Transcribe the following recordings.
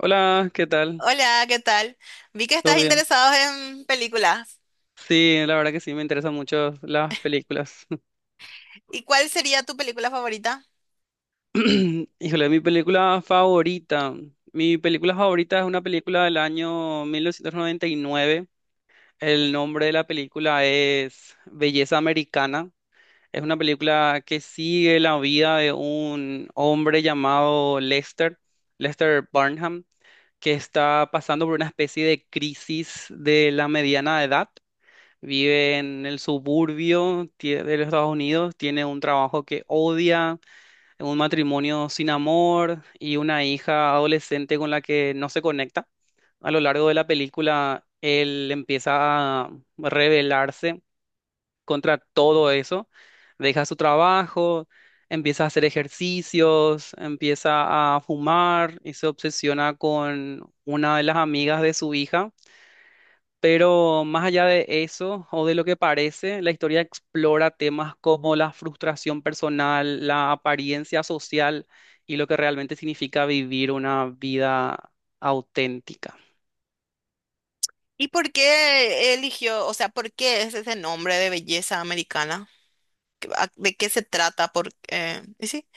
Hola, ¿qué tal? Hola, ¿qué tal? Vi que ¿Todo estás bien? interesado en películas. Sí, la verdad que sí, me interesan mucho las películas. ¿Y cuál sería tu película favorita? Híjole, mi película favorita. Mi película favorita es una película del año 1999. El nombre de la película es Belleza Americana. Es una película que sigue la vida de un hombre llamado Lester, Lester Barnham, que está pasando por una especie de crisis de la mediana edad, vive en el suburbio de los Estados Unidos, tiene un trabajo que odia, un matrimonio sin amor y una hija adolescente con la que no se conecta. A lo largo de la película, él empieza a rebelarse contra todo eso, deja su trabajo, empieza a hacer ejercicios, empieza a fumar y se obsesiona con una de las amigas de su hija, pero más allá de eso, o de lo que parece, la historia explora temas como la frustración personal, la apariencia social y lo que realmente significa vivir una vida auténtica. ¿Y por qué eligió, o sea, por qué es ese nombre de belleza americana? ¿De qué se trata?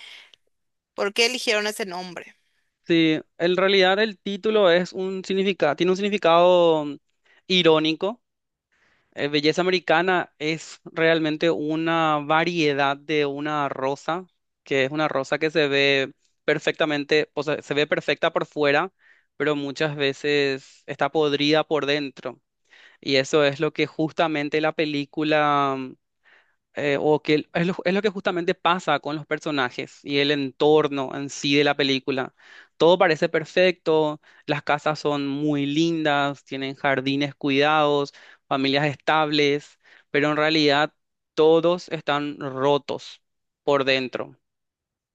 ¿Por qué eligieron ese nombre? Sí, en realidad el título es un significado, tiene un significado irónico. Belleza americana es realmente una variedad de una rosa, que es una rosa que se ve perfectamente, o sea, se ve perfecta por fuera, pero muchas veces está podrida por dentro. Y eso es lo que justamente la película, o que el- es lo que justamente pasa con los personajes y el entorno en sí de la película. Todo parece perfecto, las casas son muy lindas, tienen jardines cuidados, familias estables, pero en realidad todos están rotos por dentro.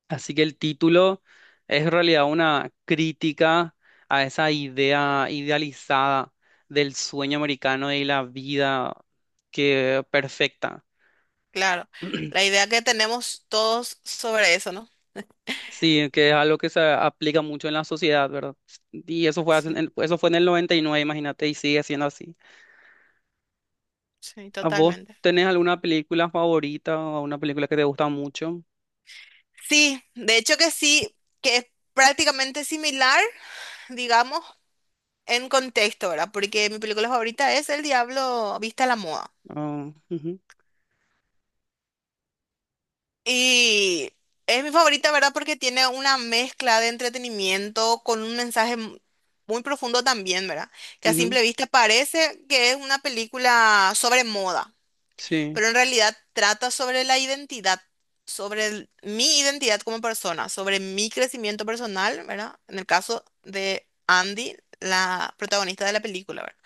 Así que el título es en realidad una crítica a esa idea idealizada del sueño americano y la vida que perfecta. Claro, la idea que tenemos todos sobre eso, ¿no? Sí, que es algo que se aplica mucho en la sociedad, ¿verdad? Y eso fue, Sí, eso fue en el 99, imagínate, y sigue siendo así. sí, ¿A vos totalmente. tenés alguna película favorita o una película que te gusta mucho? Sí, de hecho que sí, que es prácticamente similar, digamos, en contexto, ¿verdad? Porque mi película favorita es El Diablo Vista a la Moda. Ah, ujú, Y es mi favorita, ¿verdad? Porque tiene una mezcla de entretenimiento con un mensaje muy profundo también, ¿verdad? Que a ujú, simple vista parece que es una película sobre moda, sí. pero en realidad trata sobre la identidad, sobre mi identidad como persona, sobre mi crecimiento personal, ¿verdad? En el caso de Andy, la protagonista de la película, ¿verdad?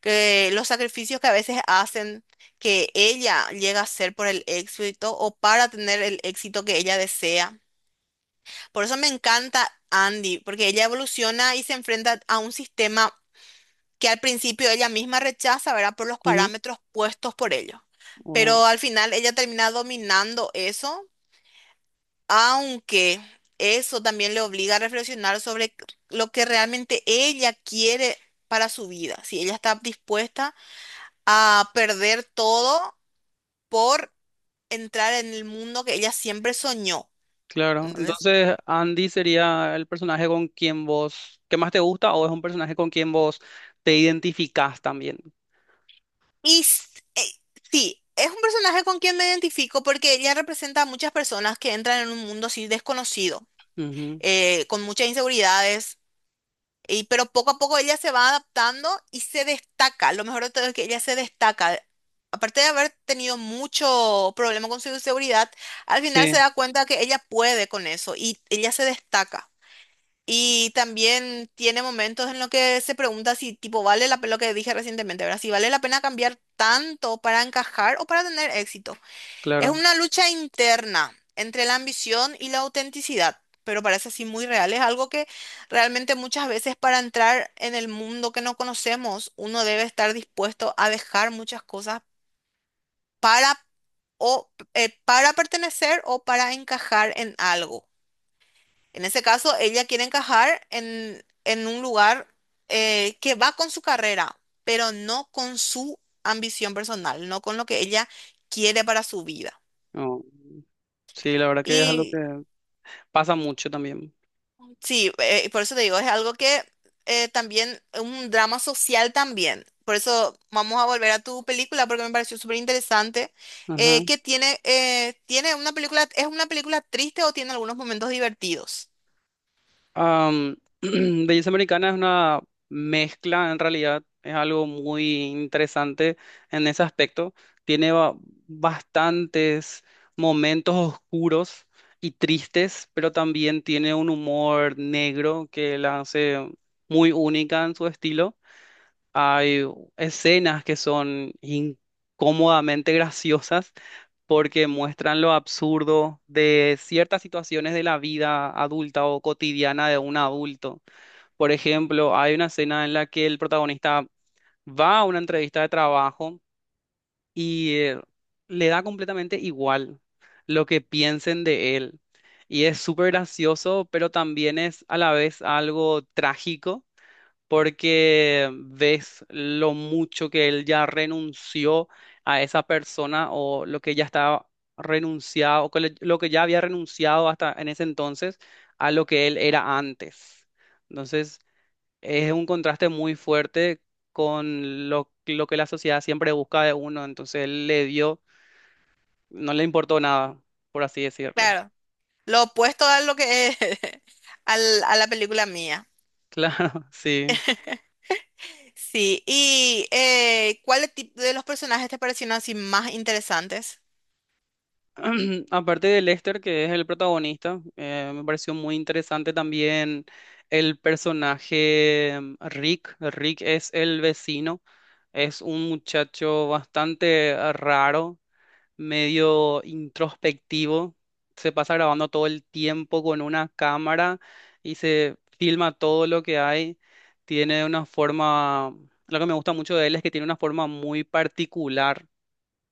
Que los sacrificios que a veces hacen que ella llega a hacer por el éxito o para tener el éxito que ella desea. Por eso me encanta Andy, porque ella evoluciona y se enfrenta a un sistema que al principio ella misma rechaza, ¿verdad? Por los Ujú, parámetros puestos por ellos. wow, Pero al final ella termina dominando eso, aunque eso también le obliga a reflexionar sobre lo que realmente ella quiere para su vida, si ella está dispuesta a perder todo por entrar en el mundo que ella siempre soñó. claro. ¿Entendés? Entonces, Andy sería el personaje con quien vos, ¿qué más te gusta o es un personaje con quien vos te identificás también? Y s- eh, sí, es un personaje con quien me identifico porque ella representa a muchas personas que entran en un mundo así desconocido, Ujú, con muchas inseguridades, y, pero poco a poco ella se va adaptando y se destaca. Lo mejor de todo es que ella se destaca. Aparte de haber tenido mucho problema con su inseguridad, al final se sí, da cuenta que ella puede con eso y ella se destaca. Y también tiene momentos en los que se pregunta si, tipo, vale la pena, lo que dije recientemente, ¿verdad? Si vale la pena cambiar tanto para encajar o para tener éxito. Es claro. una lucha interna entre la ambición y la autenticidad, pero parece así muy real. Es algo que realmente muchas veces para entrar en el mundo que no conocemos, uno debe estar dispuesto a dejar muchas cosas para, para pertenecer o para encajar en algo. En ese caso, ella quiere encajar en un lugar que va con su carrera, pero no con su ambición personal, no con lo que ella quiere para su vida. Oh, sí, la verdad que es algo Y que pasa mucho también. sí, por eso te digo, es algo que también, un drama social también. Por eso vamos a volver a tu película porque me pareció súper interesante. Ajá. Tiene una película, ¿es una película triste o tiene algunos momentos divertidos? Belleza Americana es una mezcla, en realidad, es algo muy interesante en ese aspecto. Tiene bastantes momentos oscuros y tristes, pero también tiene un humor negro que la hace muy única en su estilo. Hay escenas que son incómodamente graciosas porque muestran lo absurdo de ciertas situaciones de la vida adulta o cotidiana de un adulto. Por ejemplo, hay una escena en la que el protagonista va a una entrevista de trabajo y le da completamente igual lo que piensen de él. Y es súper gracioso, pero también es a la vez algo trágico porque ves lo mucho que él ya renunció a esa persona o lo que ya estaba renunciado, lo que ya había renunciado hasta en ese entonces a lo que él era antes. Entonces, es un contraste muy fuerte con lo que la sociedad siempre busca de uno. Entonces, él le dio, no le importó nada, por así decirlo. Claro. Lo opuesto a lo que es, a la película mía. Claro, sí. Sí, y ¿cuál tipo de los personajes te parecieron así más interesantes? Aparte de Lester, que es el protagonista, me pareció muy interesante también el personaje Rick. Rick es el vecino, es un muchacho bastante raro, medio introspectivo, se pasa grabando todo el tiempo con una cámara y se filma todo lo que hay. Tiene una forma, lo que me gusta mucho de él es que tiene una forma muy particular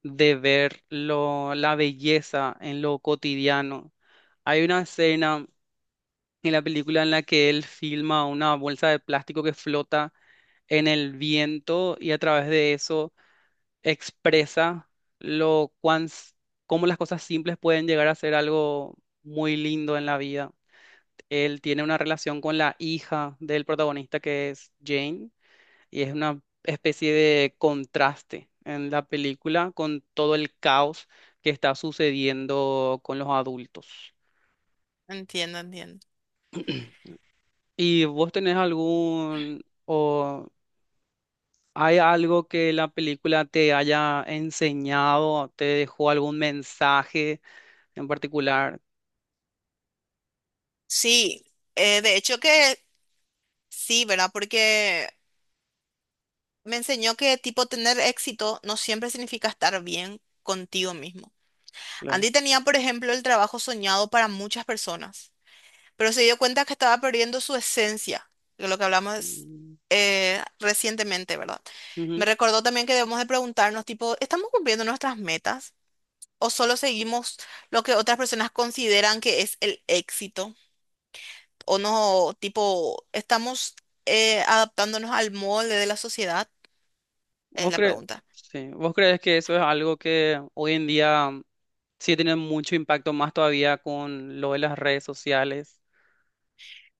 de ver la belleza en lo cotidiano. Hay una escena en la película en la que él filma una bolsa de plástico que flota en el viento y a través de eso expresa lo cuán, s- cómo las cosas simples pueden llegar a ser algo muy lindo en la vida. Él tiene una relación con la hija del protagonista, que es Jane, y es una especie de contraste en la película con todo el caos que está sucediendo con los adultos. Entiendo, entiendo. ¿Y vos tenés algún o hay algo que la película te haya enseñado, te dejó algún mensaje en particular? Sí, de hecho que sí, ¿verdad? Porque me enseñó que tipo tener éxito no siempre significa estar bien contigo mismo. Claro. Andy tenía, por ejemplo, el trabajo soñado para muchas personas, pero se dio cuenta que estaba perdiendo su esencia, de lo que hablamos Mm, recientemente, ¿verdad? Me ujú. recordó también que debemos de preguntarnos, tipo, ¿estamos cumpliendo nuestras metas? ¿O solo seguimos lo que otras personas consideran que es el éxito? ¿O no, tipo, estamos adaptándonos al molde de la sociedad? Es ¿Vos la crees, pregunta. sí, vos crees que eso es algo que hoy en día sí tiene mucho impacto más todavía con lo de las redes sociales?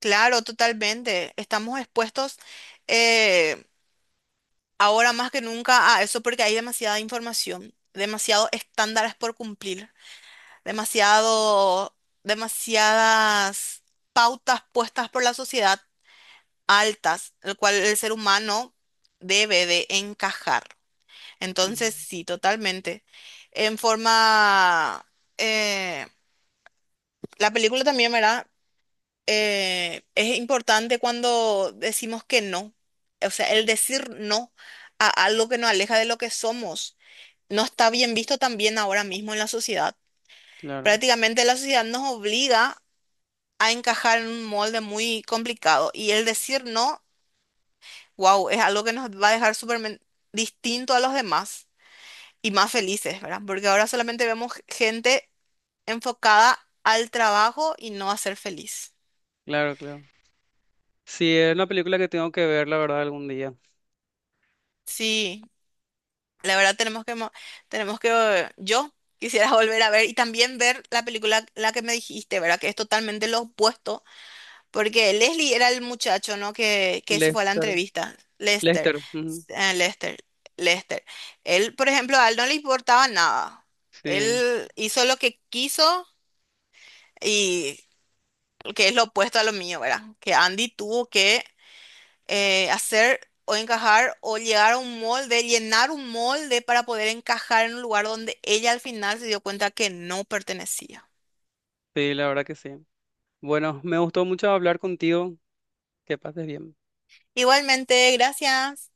Claro, totalmente. Estamos expuestos eh, ahora más que nunca a eso porque hay demasiada información, demasiados estándares por cumplir, demasiado, demasiadas pautas puestas por la sociedad altas, el cual el ser humano debe de encajar. Entonces, sí, totalmente. En forma, eh, la película también, ¿verdad? Es importante cuando decimos que no. O sea, el decir no a algo que nos aleja de lo que somos no está bien visto también ahora mismo en la sociedad. Claro, Prácticamente la sociedad nos obliga a encajar en un molde muy complicado. Y el decir no, wow, es algo que nos va a dejar súper distinto a los demás y más felices, ¿verdad? Porque ahora solamente vemos gente enfocada al trabajo y no a ser feliz. claro, claro. Sí, es una película que tengo que ver, la verdad, algún día. Sí, la verdad tenemos tenemos que, yo quisiera volver a ver y también ver la película, la que me dijiste, ¿verdad? Que es totalmente lo opuesto. Porque Leslie era el muchacho, ¿no? Que se fue a la Lester, entrevista. Lester. Lester, ujú. Lester. Lester. Él, por ejemplo, a él no le importaba nada. Sí, Él hizo lo que quiso y que es lo opuesto a lo mío, ¿verdad? Que Andy tuvo que hacer o encajar o llegar a un molde, llenar un molde para poder encajar en un lugar donde ella al final se dio cuenta que no pertenecía. sí, la verdad que sí. Bueno, me gustó mucho hablar contigo. Que pases bien. Igualmente, gracias.